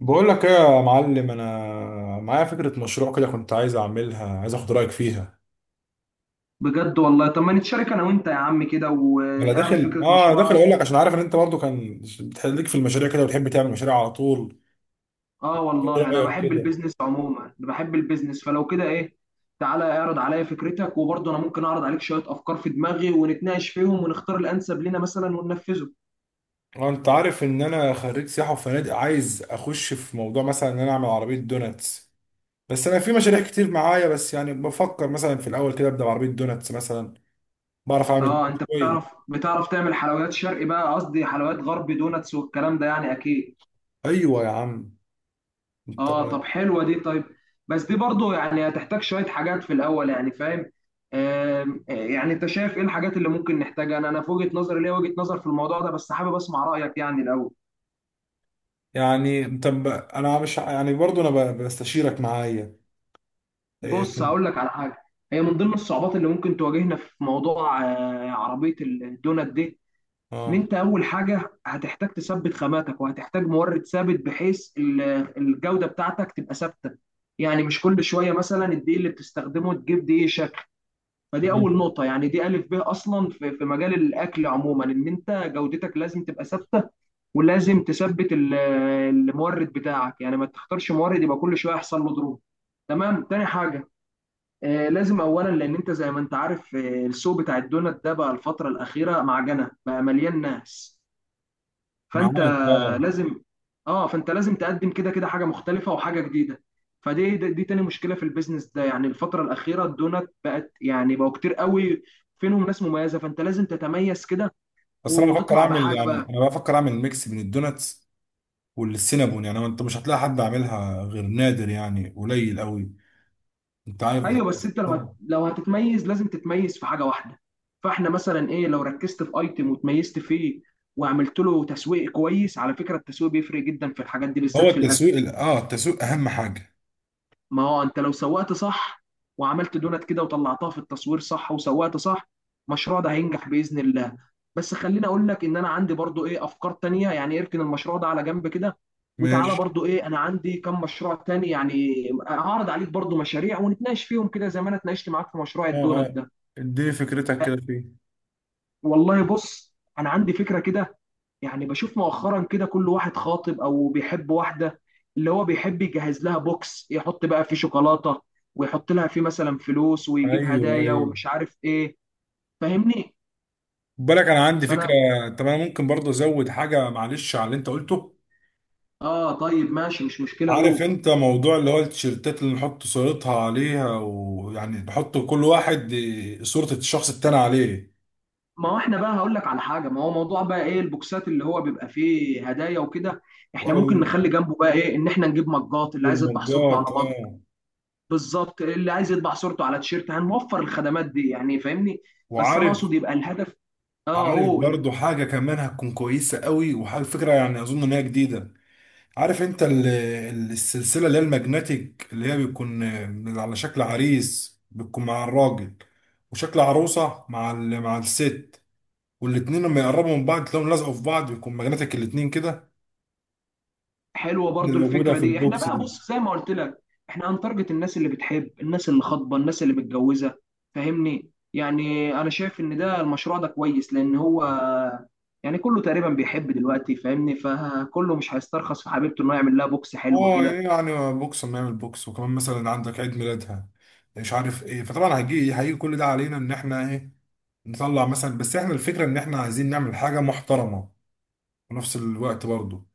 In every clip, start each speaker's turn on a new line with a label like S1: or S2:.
S1: بقول لك ايه يا معلم، انا معايا فكره مشروع كده، كنت عايز اعملها، عايز اخد رايك فيها.
S2: بجد والله، طب ما نتشارك انا وانت يا عم كده
S1: انا
S2: واعرض
S1: داخل
S2: فكرة
S1: اه داخل
S2: مشروعك.
S1: اقول لك، عشان عارف ان انت برضو كان بتحليك في المشاريع كده، وبتحب تعمل مشاريع على طول.
S2: اه،
S1: إيه
S2: والله انا
S1: رايك
S2: بحب
S1: كده؟
S2: البيزنس عموما، انا بحب البيزنس، فلو كده ايه؟ تعالى اعرض عليا فكرتك، وبرضه انا ممكن اعرض عليك شوية افكار في دماغي ونتناقش فيهم ونختار الانسب لنا مثلا وننفذه.
S1: انت عارف ان انا خريج سياحه وفنادق، عايز اخش في موضوع مثلا ان انا اعمل عربيه دوناتس. بس انا في مشاريع كتير معايا، بس يعني بفكر مثلا في الاول كده ابدا بعربيه دوناتس مثلا. بعرف اعمل
S2: اه،
S1: الدوناتس
S2: انت
S1: كويس.
S2: بتعرف تعمل حلويات شرقي، بقى قصدي حلويات غربي، دوناتس والكلام ده، يعني اكيد.
S1: ايوه يا عم، انت.
S2: اه، طب حلوه دي. طيب، بس دي برضو يعني هتحتاج شويه حاجات في الاول، يعني فاهم. يعني انت شايف ايه الحاجات اللي ممكن نحتاجها؟ انا في وجهه نظري، ليا وجهه نظر في الموضوع ده، بس حابب اسمع رايك يعني الاول.
S1: انا مش ع- يعني برضو بستشيرك معايا. إيه؟
S2: بص
S1: في.
S2: هقول لك على حاجه، هي من ضمن الصعوبات اللي ممكن تواجهنا في موضوع عربيه الدونات دي. ان
S1: اه.
S2: انت اول حاجه هتحتاج تثبت خاماتك، وهتحتاج مورد ثابت بحيث الجوده بتاعتك تبقى ثابته. يعني مش كل شويه مثلا الدقيق اللي بتستخدمه تجيب دقيق شكل. فدي اول
S1: مم.
S2: نقطه، يعني دي الف ب اصلا في مجال الاكل عموما، ان انت جودتك لازم تبقى ثابته، ولازم تثبت المورد بتاعك، يعني ما تختارش مورد يبقى كل شويه يحصل له ضروب. تمام. تاني حاجه، لازم اولا، لان انت زي ما انت عارف السوق بتاع الدونات ده بقى الفتره الاخيره معجنه، بقى مليان ناس. فانت
S1: معاك اه.
S2: لازم اه فانت لازم تقدم كده كده حاجه مختلفه وحاجه جديده. فدي دي دي تاني مشكله في البيزنس ده، يعني الفتره الاخيره الدونات بقت يعني بقوا كتير قوي، فينهم ناس مميزه، فانت لازم تتميز كده
S1: بس انا بفكر
S2: وتطلع
S1: اعمل
S2: بحاجه
S1: يعني
S2: بقى.
S1: انا بفكر اعمل ميكس بين الدوناتس والسينابون، يعني انت مش هتلاقي حد عاملها غير نادر، يعني قليل قوي. انت عارف
S2: ايوه،
S1: إيه؟
S2: بس انت لو هتتميز لازم تتميز في حاجه واحده. فاحنا مثلا ايه، لو ركزت في ايتم وتميزت فيه وعملت له تسويق كويس. على فكره التسويق بيفرق جدا في الحاجات دي،
S1: هو
S2: بالذات في الاكل.
S1: التسويق اهم حاجه.
S2: ما هو انت لو سوقت صح، وعملت دونت كده وطلعتها في التصوير صح وسوقت صح، المشروع ده هينجح باذن الله. بس خليني اقول لك ان انا عندي برضو ايه افكار تانية، يعني اركن المشروع ده على جنب كده، وتعالى
S1: ماشي.
S2: برضو ايه، انا عندي كم مشروع تاني يعني. هعرض عليك برضو مشاريع ونتناقش فيهم كده زي ما انا اتناقشت معاك في مشروع
S1: اه،
S2: الدونت
S1: اه.
S2: ده.
S1: اديني فكرتك كده فيه.
S2: والله بص، انا عندي فكرة كده، يعني بشوف مؤخرا كده كل واحد خاطب او بيحب واحده، اللي هو بيحب يجهز لها بوكس، يحط بقى فيه شوكولاته، ويحط لها فيه مثلا فلوس ويجيب
S1: ايوه،
S2: هدايا
S1: ايوه.
S2: ومش عارف ايه. فاهمني؟
S1: بالك انا عندي
S2: فانا
S1: فكره. طب انا ممكن برضه ازود حاجه، معلش، على اللي انت قلته.
S2: اه، طيب ماشي، مش مشكله،
S1: عارف
S2: اقول.
S1: انت موضوع اللي هو التيشيرتات اللي نحط صورتها عليها، ويعني نحط كل واحد صورة الشخص التاني عليه.
S2: ما هو احنا بقى هقول لك على حاجه، ما هو موضوع بقى ايه البوكسات اللي هو بيبقى فيه هدايا وكده، احنا ممكن
S1: وال-
S2: نخلي جنبه بقى ايه، ان احنا نجيب مجات اللي عايز يطبع صورته على
S1: والمجات،
S2: مج.
S1: اه.
S2: بالظبط، اللي عايز يطبع صورته على تيشيرت هنوفر الخدمات دي، يعني فاهمني. بس انا
S1: وعارف
S2: اقصد يبقى الهدف. اه،
S1: عارف
S2: قول.
S1: برضو حاجة كمان هتكون كويسة قوي، وحاجة فكرة يعني أظن إن هي جديدة. عارف انت السلسلة اللي هي الماجنتيك، اللي هي بيكون على شكل عريس بتكون مع الراجل، وشكل عروسة مع الست. والاتنين لما يقربوا من بعض تلاقيهم لازقوا في بعض، بيكون ماجنتيك الاتنين كده،
S2: حلوه برضو
S1: اللي موجودة
S2: الفكره
S1: في
S2: دي. احنا
S1: البوكس
S2: بقى
S1: دي.
S2: بص، زي ما قلت لك، احنا هنتارجت الناس اللي بتحب، الناس اللي خاطبه، الناس اللي متجوزه، فاهمني؟ يعني انا شايف ان ده المشروع ده كويس، لان هو يعني كله تقريبا بيحب دلوقتي، فاهمني، فكله مش هيسترخص في حبيبته انه يعمل لها بوكس حلو
S1: اه إيه
S2: كده.
S1: يعني بوكس؟ ما يعمل بوكس، وكمان مثلا عندك عيد ميلادها، مش عارف ايه، فطبعا هيجي هيجي كل ده علينا ان احنا ايه، نطلع مثلا. بس احنا الفكره ان احنا عايزين نعمل حاجه محترمه في نفس الوقت برضه،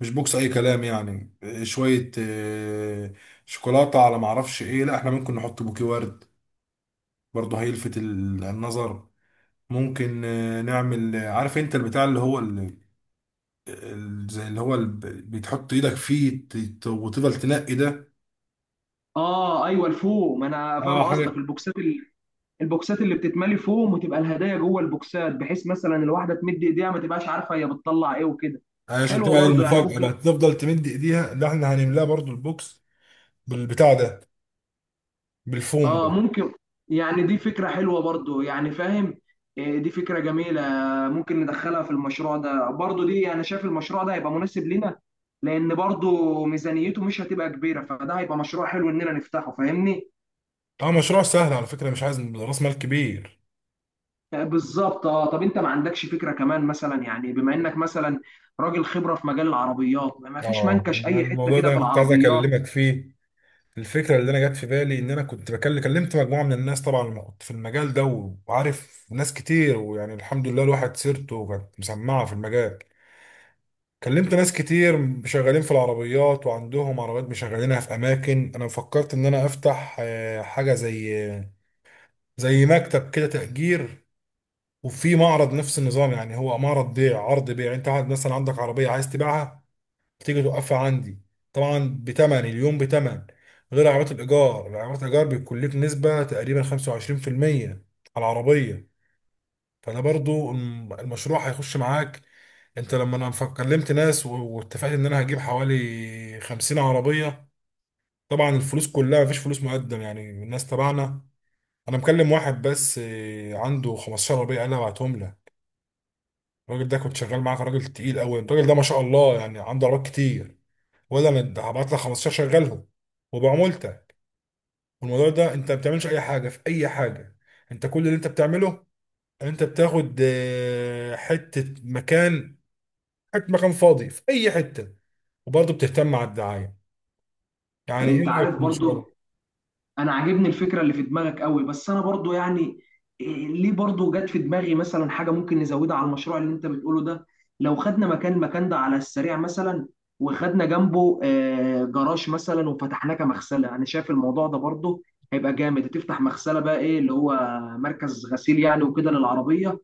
S1: مش بوكس اي كلام يعني، إيه، شويه إيه، شوكولاته على ما اعرفش ايه. لا احنا ممكن نحط بوكي ورد، برضه هيلفت النظر. ممكن نعمل، عارف انت البتاع اللي هو زي اللي هو بتحط ايدك فيه وتفضل تنقي ده.
S2: اه، ايوه، الفوم، انا فاهم
S1: اه،
S2: قصدك.
S1: حاجه
S2: البوكسات اللي بتتملي فوم، وتبقى الهدايا جوه البوكسات، بحيث مثلا الواحده تمد ايديها ما تبقاش عارفه هي بتطلع ايه وكده.
S1: عشان
S2: حلوه
S1: تبقى
S2: برضو يعني،
S1: المفاجاه
S2: ممكن.
S1: بقى، تفضل تمد ايديها اللي احنا هنملاها برضو البوكس بالبتاع ده، بالفوم
S2: اه،
S1: ده.
S2: ممكن، يعني دي فكرة حلوة برضو يعني فاهم. إيه، دي فكرة جميلة، ممكن ندخلها في المشروع ده برضو. دي انا شايف المشروع ده هيبقى مناسب لنا، لان برضو ميزانيته مش هتبقى كبيرة، فده هيبقى مشروع حلو اننا نفتحه، فاهمني؟
S1: اه، مشروع سهل على فكره، مش عايز راس مال كبير.
S2: آه، بالظبط. اه، طب انت ما عندكش فكرة كمان مثلا؟ يعني بما انك مثلا راجل خبرة في مجال العربيات، ما فيش
S1: اه،
S2: منكش
S1: أنا
S2: اي حتة
S1: الموضوع
S2: كده
S1: ده
S2: في
S1: انا كنت عايز
S2: العربيات.
S1: اكلمك فيه. الفكره اللي انا جت في بالي، ان انا كنت بكلم كلمت مجموعه من الناس طبعا، اللي كنت في المجال ده، وعارف ناس كتير، ويعني الحمد لله الواحد سيرته كانت مسمعه في المجال. كلمت ناس كتير شغالين في العربيات، وعندهم عربيات مشغلينها في اماكن. انا فكرت ان انا افتح حاجه زي زي مكتب كده تأجير، وفي معرض. نفس النظام يعني، هو معرض بيع، عرض بيع. انت عاد مثلا عندك عربية عايز تبيعها، تيجي توقفها عندي. طبعا بتمن اليوم بتمن، غير عربية الإيجار. العربية الإيجار بيكون لك نسبة تقريبا 25% على العربية، فأنا برضو المشروع هيخش معاك. انت لما انا كلمت ناس واتفقت ان انا هجيب حوالي 50 عربية. طبعا الفلوس كلها مفيش فلوس مقدم، يعني الناس تبعنا. انا مكلم واحد بس، عنده 15 عربيه، قال لي ابعتهم له. الراجل ده كنت شغال معاه، كان راجل تقيل قوي. الراجل ده ما شاء الله يعني عنده عربيات كتير، ولا انا ده هبعت لك 15 شغلهم وبعمولته. والموضوع ده انت ما بتعملش اي حاجه في اي حاجه، انت كل اللي انت بتعمله، انت بتاخد حته مكان فاضي في اي حته، وبرضه بتهتم على الدعايه. يعني
S2: انت
S1: ايه رايك
S2: عارف
S1: في المشروع؟
S2: برضو، انا عاجبني الفكره اللي في دماغك قوي، بس انا برضو يعني إيه، ليه، برضو جت في دماغي مثلا حاجه ممكن نزودها على المشروع اللي انت بتقوله ده. لو خدنا مكان المكان ده على السريع مثلا، وخدنا جنبه جراج مثلا وفتحناه كمغسله، انا شايف الموضوع ده برضو هيبقى جامد. هتفتح مغسله، بقى ايه، اللي هو مركز غسيل يعني وكده للعربيه.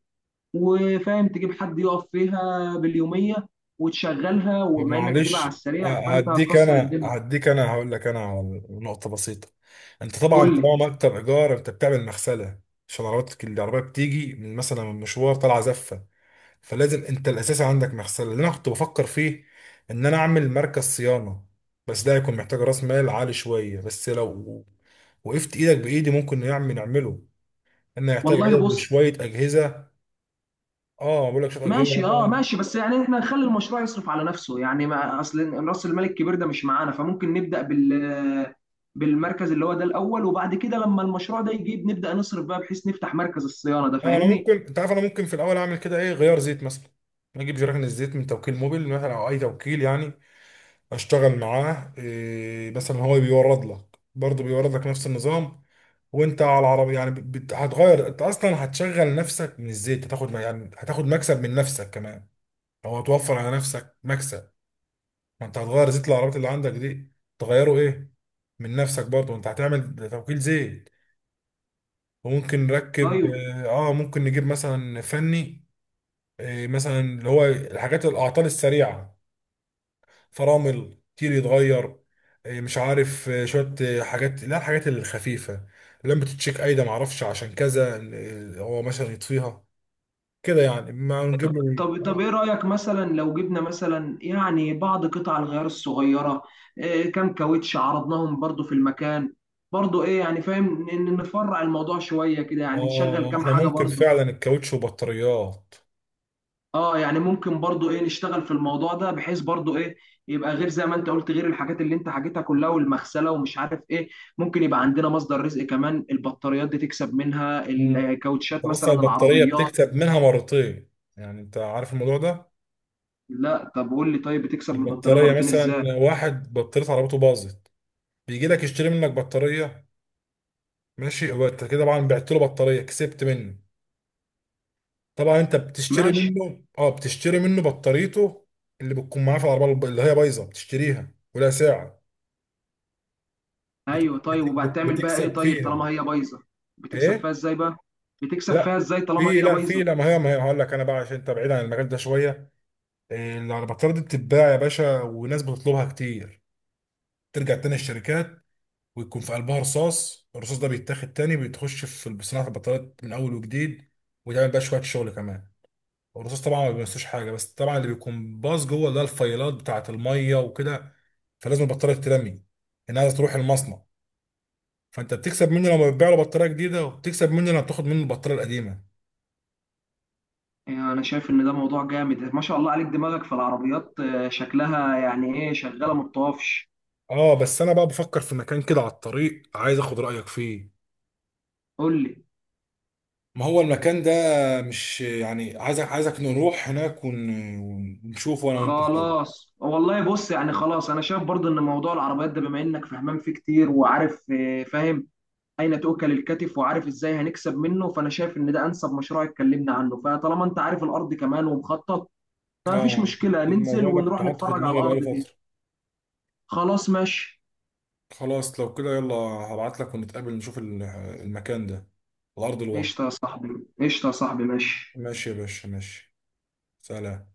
S2: وفاهم، تجيب حد يقف فيها باليوميه وتشغلها،
S1: طب
S2: وبما انك هتبقى على
S1: معلش،
S2: السريع فانت هتكسر الدنيا.
S1: هديك انا هقول لك انا على نقطه بسيطه. انت طبعا
S2: قول لي.
S1: طالما مكتب ايجار، انت بتعمل مغسله، عشان عربيتك العربيه بتيجي من مثلا من مشوار طالعه زفه، فلازم انت الاساسي عندك مغسله. اللي انا كنت بفكر فيه ان انا اعمل مركز صيانه، بس ده هيكون محتاج راس مال عالي شويه، بس لو وقفت ايدك بايدي ممكن نعمله. انا هيحتاج
S2: والله
S1: عدد
S2: بص.
S1: وشويه اجهزه. اه، بقول لك شويه اجهزه
S2: ماشي، اه،
S1: مثلا.
S2: ماشي، بس يعني احنا نخلي المشروع يصرف على نفسه يعني، ما اصل راس المال الكبير ده مش معانا، فممكن نبدا بالمركز اللي هو ده الاول، وبعد كده لما المشروع ده يجيب نبدا نصرف بقى، بحيث نفتح مركز الصيانه ده،
S1: اه انا
S2: فاهمني؟
S1: ممكن، انت عارف، انا ممكن في الاول اعمل كده ايه، غيار زيت مثلا. اجيب جيران الزيت من توكيل موبيل مثلا، او اي توكيل يعني، اشتغل معاه. إيه مثلا، هو بيورد لك برضه، بيورد لك نفس النظام، وانت على العربية يعني هتغير. انت اصلا هتشغل نفسك من الزيت، هتاخد يعني هتاخد مكسب من نفسك كمان، او هتوفر على نفسك مكسب. ما انت هتغير زيت العربيات اللي عندك دي، تغيره ايه، من نفسك برضه، انت هتعمل توكيل زيت. وممكن نركب،
S2: طيب.
S1: اه، ممكن نجيب مثلا فني، إيه مثلا اللي هو الحاجات الاعطال السريعه. فرامل كتير يتغير، إيه، مش عارف إيه، شويه إيه حاجات، لا الحاجات الخفيفه، لما تتشيك ايده ما اعرفش عشان كذا إيه، هو مثلا يطفيها كده يعني، ما نجيب له إيه؟
S2: طب
S1: اه.
S2: ايه رايك مثلا لو جبنا مثلا يعني بعض قطع الغيار الصغيره؟ كام كاوتش عرضناهم برضو في المكان. برضو ايه يعني، فاهم ان إن نفرع الموضوع شويه كده، يعني نشغل كام
S1: احنا
S2: حاجه
S1: ممكن
S2: برضو.
S1: فعلا الكاوتش وبطاريات.
S2: اه، يعني ممكن برضو ايه نشتغل في الموضوع ده، بحيث برضو ايه يبقى غير زي ما انت قلت، غير الحاجات اللي انت حكيتها كلها، والمغسله ومش عارف ايه. ممكن يبقى عندنا مصدر رزق كمان، البطاريات دي تكسب منها،
S1: مم. انت
S2: الكاوتشات
S1: اصلا
S2: مثلا،
S1: البطاريه
S2: العربيات.
S1: بتكسب منها مرتين. يعني انت عارف الموضوع ده،
S2: لا، طب قول لي، طيب بتكسب من البطاريه
S1: البطاريه
S2: مرتين ازاي؟
S1: مثلا، واحد بطاريه عربيته باظت، بيجي لك يشتري منك بطاريه. ماشي، هو انت كده طبعا بعت له بطاريه كسبت منه. طبعا انت بتشتري
S2: ماشي.
S1: منه، اه، بتشتري منه بطاريته اللي بتكون معاه في العربيه، اللي هي بايظه بتشتريها ولا ساعه.
S2: ايوه طيب، وبعد تعمل بقى ايه؟
S1: بتكسب
S2: طيب طالما
S1: فيها.
S2: هي بايظه، بتكسب
S1: ايه.
S2: فيها ازاي بقى؟ بتكسب فيها
S1: لا
S2: ازاي طالما هي بايظه؟
S1: لا، ما هي هقول لك انا بقى، عشان انت بعيد عن المجال ده شويه. إيه، البطاريه دي بتتباع يا باشا، وناس بتطلبها كتير، ترجع تاني الشركات، ويكون في قلبها رصاص. الرصاص ده بيتاخد تاني، بتخش في صناعه البطاريات من اول وجديد، وتعمل بقى شويه شغل كمان. الرصاص طبعا ما بيمسوش حاجه، بس طبعا اللي بيكون باظ جوه اللي هي الفيلات بتاعه الميه وكده، فلازم البطاريه تترمي، انها تروح المصنع. فانت بتكسب مني لما بتبيع له بطاريه جديده، وبتكسب مني لما بتاخد مني البطاريه القديمه.
S2: يعني انا شايف ان ده موضوع جامد، ما شاء الله عليك، دماغك في العربيات شكلها يعني ايه شغاله ما بتقفش.
S1: اه، بس انا بقى بفكر في مكان كده على الطريق، عايز اخد رايك فيه.
S2: قول لي.
S1: ما هو المكان ده، مش يعني عايزك، نروح هناك ونشوفه انا وانت سوا.
S2: خلاص والله بص، يعني خلاص انا شايف برضو ان موضوع العربيات ده بما انك فهمان فيه كتير وعارف فاهم اين تؤكل الكتف، وعارف ازاي هنكسب منه، فانا شايف ان ده انسب مشروع اتكلمنا عنه. فطالما انت عارف الارض كمان ومخطط، فمفيش
S1: اه،
S2: مشكلة ننزل
S1: الموضوع ده كنت
S2: ونروح
S1: حاطه في
S2: نتفرج على
S1: دماغي بقالي
S2: الارض دي.
S1: فتره.
S2: خلاص ماشي.
S1: خلاص لو كده يلا، هبعت لك ونتقابل نشوف المكان ده على ارض الواقع.
S2: قشطة يا صاحبي، قشطة يا صاحبي، ماشي.
S1: ماشي يا باشا، ماشي. سلام.